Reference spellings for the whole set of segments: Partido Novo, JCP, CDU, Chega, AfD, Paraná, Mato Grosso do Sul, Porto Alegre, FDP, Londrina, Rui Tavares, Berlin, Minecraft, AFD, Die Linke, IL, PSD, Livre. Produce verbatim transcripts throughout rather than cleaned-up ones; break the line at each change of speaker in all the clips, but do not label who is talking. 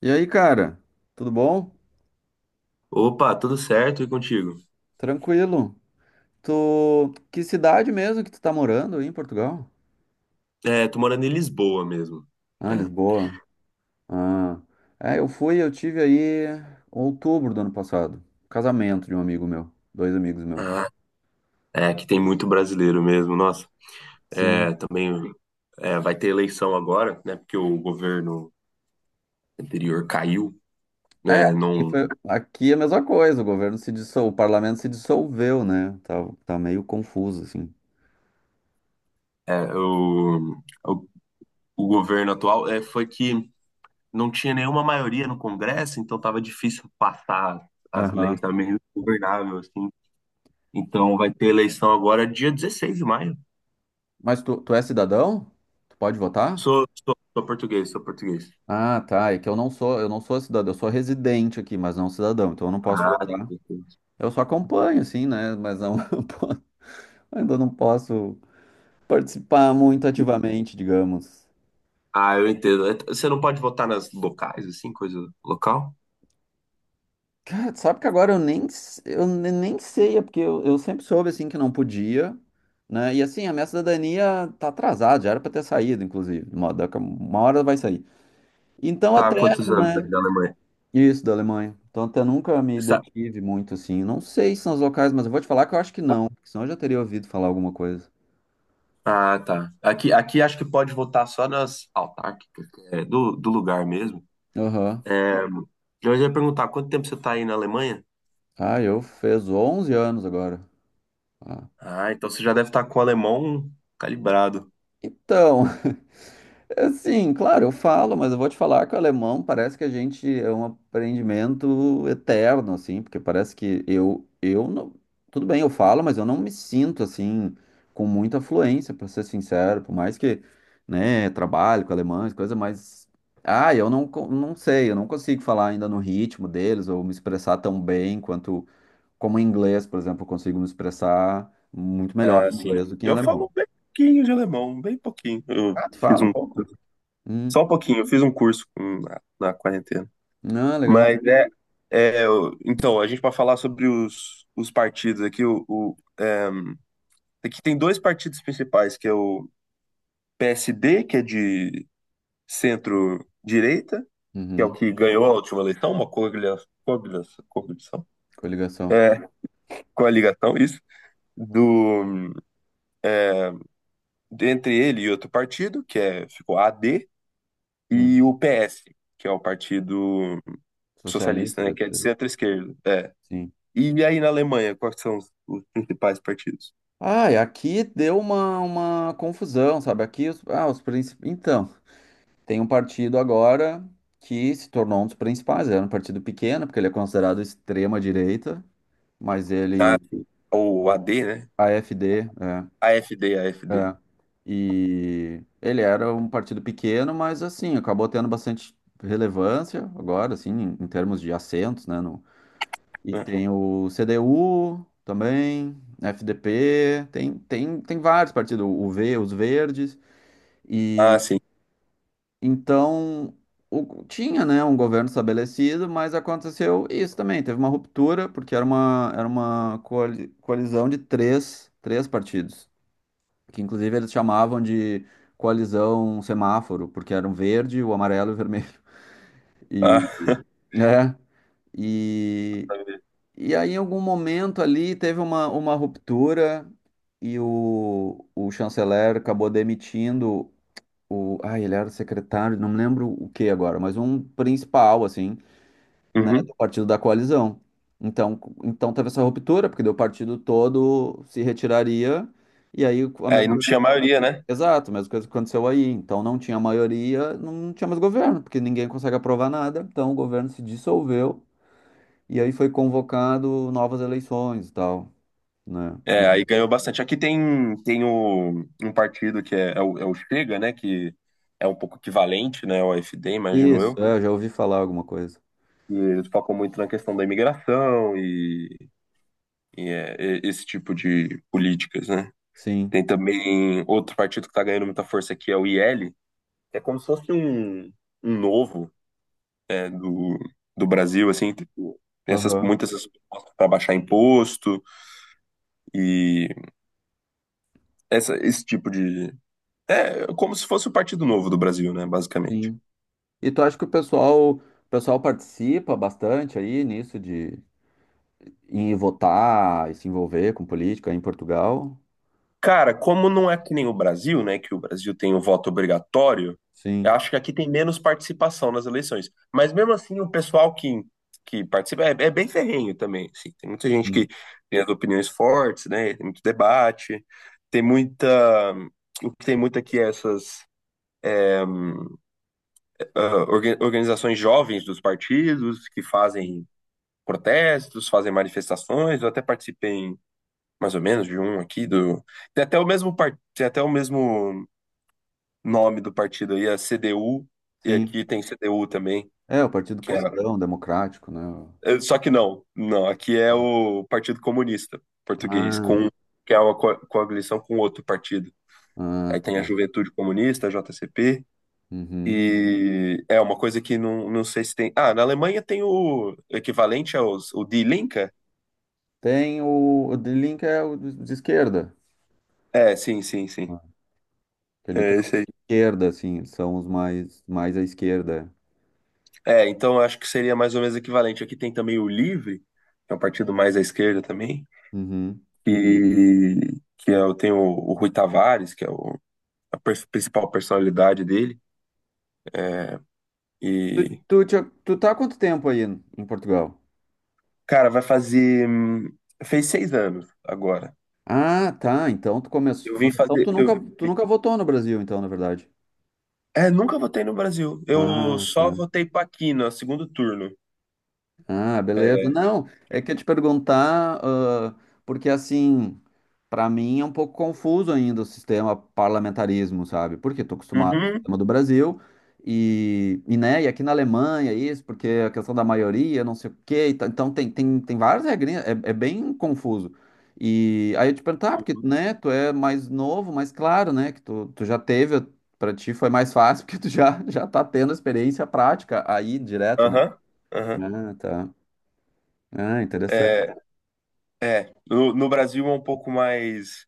E aí, cara? Tudo bom?
Opa, tudo certo e contigo?
Tranquilo? Tu... Que cidade mesmo que tu tá morando aí em Portugal?
É, tô morando em Lisboa mesmo.
Ah,
É,
Lisboa. Ah. É, eu fui, eu tive aí em outubro do ano passado. Casamento de um amigo meu. Dois amigos meus.
ah, é que tem muito brasileiro mesmo, nossa.
Sim.
É, também é, vai ter eleição agora, né? Porque o governo anterior caiu,
É,
né?
aqui
Não,
foi... aqui é a mesma coisa. O governo se dissol... o parlamento se dissolveu, né? Tá, tá meio confuso, assim.
é, o, o, o governo atual é, foi que não tinha nenhuma maioria no Congresso, então tava difícil passar as leis,
Aham.
tava meio ingovernável, assim. Então vai ter eleição agora dia dezesseis de maio.
Mas tu, tu é cidadão? Tu pode votar?
Sou, sou, sou português, sou português.
Ah, tá. É que eu não sou, eu não sou cidadão, eu sou residente aqui, mas não cidadão, então eu não posso
Ah,
votar. Eu só acompanho, assim, né? Mas não, eu po- ainda não posso participar muito ativamente, digamos.
Ah, eu entendo. É, Você não pode votar nas locais, assim, coisa local?
Cara, sabe que agora eu nem, s- eu ne- nem sei, é porque eu, eu sempre soube, assim, que não podia, né? E assim, a minha cidadania tá atrasada, já era pra ter saído, inclusive. Uma, daqui a uma hora vai sair. Então
Tá, há
até,
quantos anos aí
né?
na Alemanha?
Isso, da Alemanha. Então, até nunca me
Sa-
detive muito, assim. Não sei se são os locais, mas eu vou te falar que eu acho que não. Porque senão eu já teria ouvido falar alguma coisa.
Ah, tá. Aqui, aqui acho que pode votar só nas autárquicas, que é do, do lugar mesmo.
Aham.
É, eu ia perguntar, quanto tempo você tá aí na Alemanha?
Ah, eu fez onze anos agora. Ah.
Ah, então você já deve estar com o alemão calibrado.
Então, assim, claro, eu falo, mas eu vou te falar que o alemão parece que a gente é um aprendimento eterno, assim, porque parece que eu, eu não, tudo bem, eu falo, mas eu não me sinto, assim, com muita fluência, para ser sincero, por mais que, né, trabalho com alemães, coisa, mas, ah, eu não, co- não sei, eu não consigo falar ainda no ritmo deles, ou me expressar tão bem quanto, como em inglês, por exemplo, eu consigo me expressar muito melhor
Ah,
em
sim.
inglês do que em
Eu
alemão.
falo bem pouquinho de alemão, bem pouquinho. Eu
Ah, tu
fiz
fala um
um,
pouco? Hum,
só um pouquinho, eu fiz um curso hum, na na quarentena.
não, legal.
Mas é, é, eu- então, a gente para falar sobre os, os partidos aqui, o, o- é, aqui tem dois partidos principais, que é o P S D, que é de centro-direita, que é o
Uhum.
que ganhou a última eleição, uma coalia- coalia- coaligação,
Coligação.
é, coligação, isso, do, entre ele e outro partido, que é, ficou A D,
Hum.
e o P S, que é o Partido
Socialista,
Socialista, né,
deve
que é de
ser.
centro-esquerda. É.
Sim.
E aí na Alemanha, quais são os, os principais partidos?
Ah, e aqui deu uma, uma confusão, sabe? Aqui os, ah, os princip... Então, tem um partido agora que se tornou um dos principais. Era um partido pequeno, porque ele é considerado extrema-direita, mas
Ah,
ele.
sim. Ou A D, né?
AfD, é,
A F D, A F D.
é. E ele era um partido pequeno, mas assim, acabou tendo bastante relevância agora, assim, em, em termos de assentos, né, no. E tem o C D U também, F D P, tem, tem, tem vários partidos, o V, os Verdes.
Ah,
E
sim.
então o- tinha, né, um governo estabelecido, mas aconteceu isso também. Teve uma ruptura, porque era uma, era uma coali- coalizão de três, três partidos, que inclusive eles chamavam de coalizão semáforo, porque eram verde, o amarelo e o vermelho. E,
Ah,
é, e aí, em algum momento ali, teve uma, uma ruptura e o, o chanceler acabou demitindo o. Ah, ele era secretário, não me lembro o que agora, mas um principal, assim, né,
uhum.
do partido da coalizão. Então, co- então teve essa ruptura, porque daí o partido todo se retiraria, e aí a
É, Aí
mesma
não
coisa.
tinha
que-
maioria, né?
Exato, a mesma coisa que aconteceu aí. Então não tinha maioria, não tinha mais governo, porque ninguém consegue aprovar nada. Então o governo se dissolveu. E aí foi convocado novas eleições e tal, né?
É,
Mas-
aí ganhou bastante. Aqui tem, tem o, um partido que é, é o, é o Chega, né? Que é um pouco equivalente, né? Ao A F D, imagino
Isso,
eu.
é, eu já ouvi falar alguma coisa.
E eles focam muito na questão da imigração e, e, é, e- esse tipo de políticas, né?
Sim.
Tem também outro partido que tá ganhando muita força aqui, é o I L, que é como se fosse um, um novo, né, do, do Brasil, assim, tipo, tem essas,
Aham.
muitas essas propostas para baixar imposto e essa, esse tipo de. É como se fosse o Partido Novo do Brasil, né, basicamente.
Sim. E tu acha que o pessoal, o pessoal participa bastante aí nisso de ir votar e se envolver com política em Portugal?
Cara, como não é que nem o Brasil, né, que o Brasil tem o voto obrigatório, eu
Sim,
acho que aqui tem menos participação nas eleições. Mas mesmo assim, o pessoal que, que participa é, é bem ferrenho também, assim. Tem muita gente
sim,
que tem as opiniões fortes, né, tem muito debate, tem muita. O que tem muito aqui é essas ah, orga- organizações jovens dos partidos que fazem protestos, fazem manifestações. Eu até participei em, mais ou menos de um aqui do. Tem até o mesmo par... tem até o mesmo nome do partido aí, a C D U, e
sim.
aqui tem C D U também,
É, o Partido
que é...
Cristão Democrático, né?
eh, Só que não, não, aqui é o Partido Comunista Português,
Ah,
com que é uma co- coalição com outro partido.
ah,
Aí tem a
tá.
Juventude Comunista, a J C P.
Uhum.
E é uma coisa que não, não sei se tem. Ah, na Alemanha tem o equivalente aos o Die Linke?
Tem o, o de Link é o de de esquerda,
É, sim, sim, sim.
ah, que ele
É esse aí.
esquerda, assim, são os mais, mais à esquerda.
É, então eu acho que seria mais ou menos equivalente. Aqui tem também o Livre, que é um partido mais à esquerda também,
Uhum.
e que é, o- tem o, o Rui Tavares, que é o, a pers- principal personalidade dele. É,
Tu,
e,
tu, tinha- tu tá há quanto tempo aí em Portugal?
cara, vai fazer. hum, Fez seis anos agora.
Ah, tá. Então tu
Eu
começou.
vim
Então tu
fazer. Eu,
nunca, tu nunca votou no Brasil, então, na verdade.
é, nunca votei no Brasil. Eu
Ah,
só
tá.
votei para aqui no segundo turno.
Ah, beleza. Não, é que eu te perguntar, ah, porque assim, para mim é um pouco confuso ainda o sistema parlamentarismo, sabe? Porque estou acostumado com o
Uhum,
sistema do Brasil e, e, né, e aqui na Alemanha é isso, porque é a questão da maioria, não sei o quê, e tal. Então tem, tem, tem várias regrinhas, é, é bem confuso. E aí eu te perguntar, ah, porque, né, tu é mais novo, mais claro, né, que tu, tu já teve, para ti foi mais fácil, porque tu já, já tá tendo experiência prática aí direto, né?
aham, aham.
Ah, tá. Ah, interessante.
É, é. No, no Brasil é um pouco mais.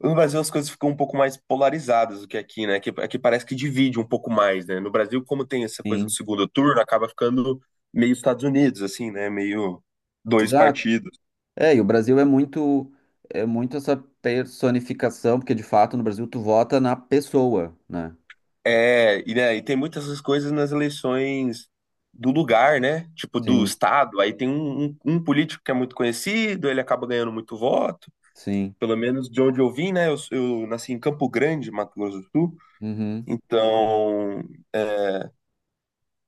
No Brasil as coisas ficam um pouco mais polarizadas do que aqui, né? Que aqui parece que divide um pouco mais, né? No Brasil, como tem essa coisa do
Sim.
segundo turno, acaba ficando meio Estados Unidos, assim, né? Meio dois
Exato.
partidos.
É, e o Brasil é muito, é muito essa personificação, porque de fato no Brasil tu vota na pessoa, né?
É, e, né, e tem muitas essas coisas nas eleições do lugar, né? Tipo, do
Sim,
estado. Aí tem um, um um político que é muito conhecido, ele acaba ganhando muito voto.
sim.
Pelo menos de onde eu vim, né? Eu, eu nasci em Campo Grande, Mato Grosso do Sul.
Uhum,
Então, é,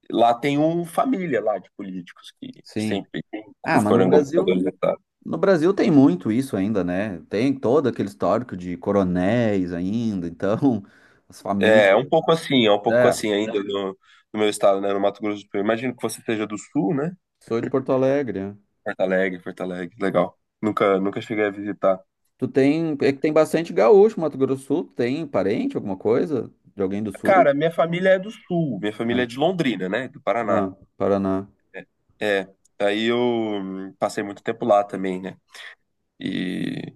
lá tem um família lá de políticos que
sim.
sempre
Ah, mas no
foram
Brasil,
governadores do estado.
no Brasil tem muito isso ainda, né? Tem todo aquele histórico de coronéis ainda, então as famílias.
É, é um pouco assim, é um pouco
É,
assim ainda no, no meu estado, né? No Mato Grosso do Sul. Imagino que você seja do Sul, né?
sou de Porto Alegre. Né?
Porto Alegre, Porto Alegre, legal. Nunca, nunca cheguei a visitar.
Tu tem, é que tem bastante gaúcho, Mato Grosso do Sul, tem parente, alguma coisa? De alguém do sul?
Cara, minha família é do Sul, minha família é
Ah,
de Londrina, né? Do Paraná.
ah, Paraná.
É, aí eu hum, passei muito tempo lá também, né? E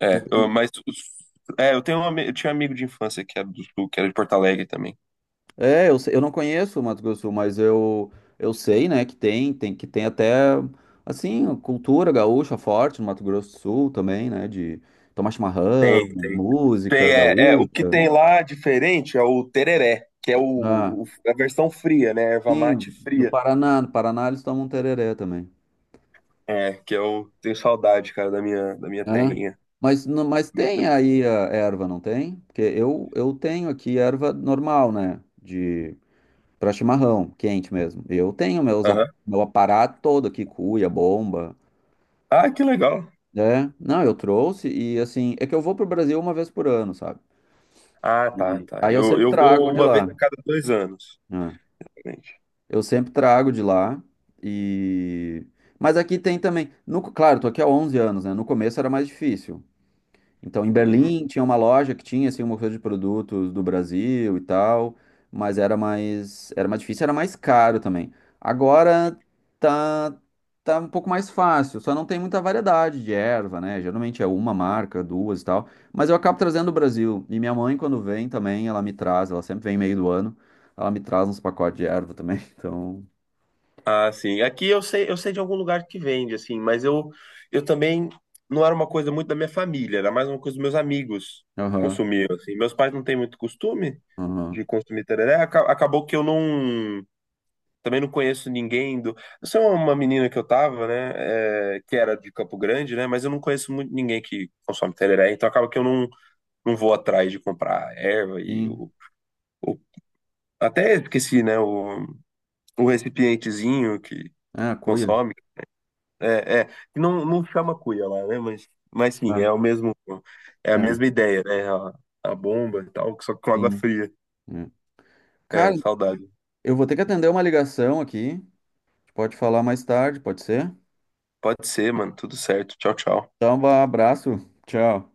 É, eu- mas os- é, eu tenho um, ami- eu tinha um amigo de infância que era do Sul, que era de Porto Alegre também.
É, eu, sei- eu não conheço o Mato Grosso do Sul, mas eu, eu sei, né, que tem, tem, que tem até, assim, cultura gaúcha forte no Mato Grosso do Sul também, né, de tomar chimarrão,
Tem, tem. Tem,
música
é, é, o que
gaúcha,
tem lá diferente é o tereré, que é
né,
o, o- a versão fria, né? Erva
sim,
mate
do
fria.
Paraná, no Paraná eles tomam tereré também,
É, que eu tenho saudade, cara, da minha, da minha
né,
terrinha.
mas, no- mas
Meu
tem aí a
tempo.
erva, não tem? Porque eu, eu tenho aqui erva normal, né, de, pra chimarrão, quente mesmo, eu tenho meus, ap-
Aham.
meu aparato todo aqui, cuia, bomba...
Ah, que legal.
É, não, eu trouxe e assim, é que eu vou pro Brasil uma vez por ano, sabe?
Ah, tá, tá.
Aí eu
Eu,
sempre
eu
trago
vou
de
uma vez
lá,
a cada dois anos.
né?
Gente.
Eu sempre trago de lá e... Mas aqui tem também, no, claro, tô aqui há onze anos, né? No começo era mais difícil, então, em Berlim tinha uma loja que tinha assim uma oferta de produtos do Brasil e tal, mas era mais era mais difícil, era mais caro também. Agora tá tá um pouco mais fácil, só não tem muita variedade de erva, né? Geralmente é uma marca, duas e tal, mas eu acabo trazendo do Brasil. E minha mãe quando vem também, ela me traz, ela sempre vem meio do ano, ela me traz uns pacotes de erva também. Então,
Ah, sim. Aqui eu sei, eu sei de algum lugar que vende, assim, mas eu, eu também não era uma coisa muito da minha família, era mais uma coisa dos meus amigos
aham,
consumiam, assim. Meus pais não têm muito costume
aham.
de consumir tereré, aca- acabou que eu não, também não conheço ninguém do... Eu sou uma menina que eu tava, né, é, que era de Campo Grande, né, mas eu não conheço muito ninguém que consome tereré, então acaba que eu não, não vou atrás de comprar erva e
Sim.
o... o- Até esqueci, né, o, o recipientezinho que
Ah, cuia.
consome, É, é, que não, não chama cuia lá, né? Mas, mas sim,
Ah,
é o mesmo, é a
é,
mesma ideia, né? A, a bomba e tal, só que com água
sim.
fria.
É. Cara,
É, saudade.
eu vou ter que atender uma ligação aqui. Pode falar mais tarde, pode ser?
Pode ser, mano, tudo certo. Tchau, tchau.
Então, vá, abraço. Tchau.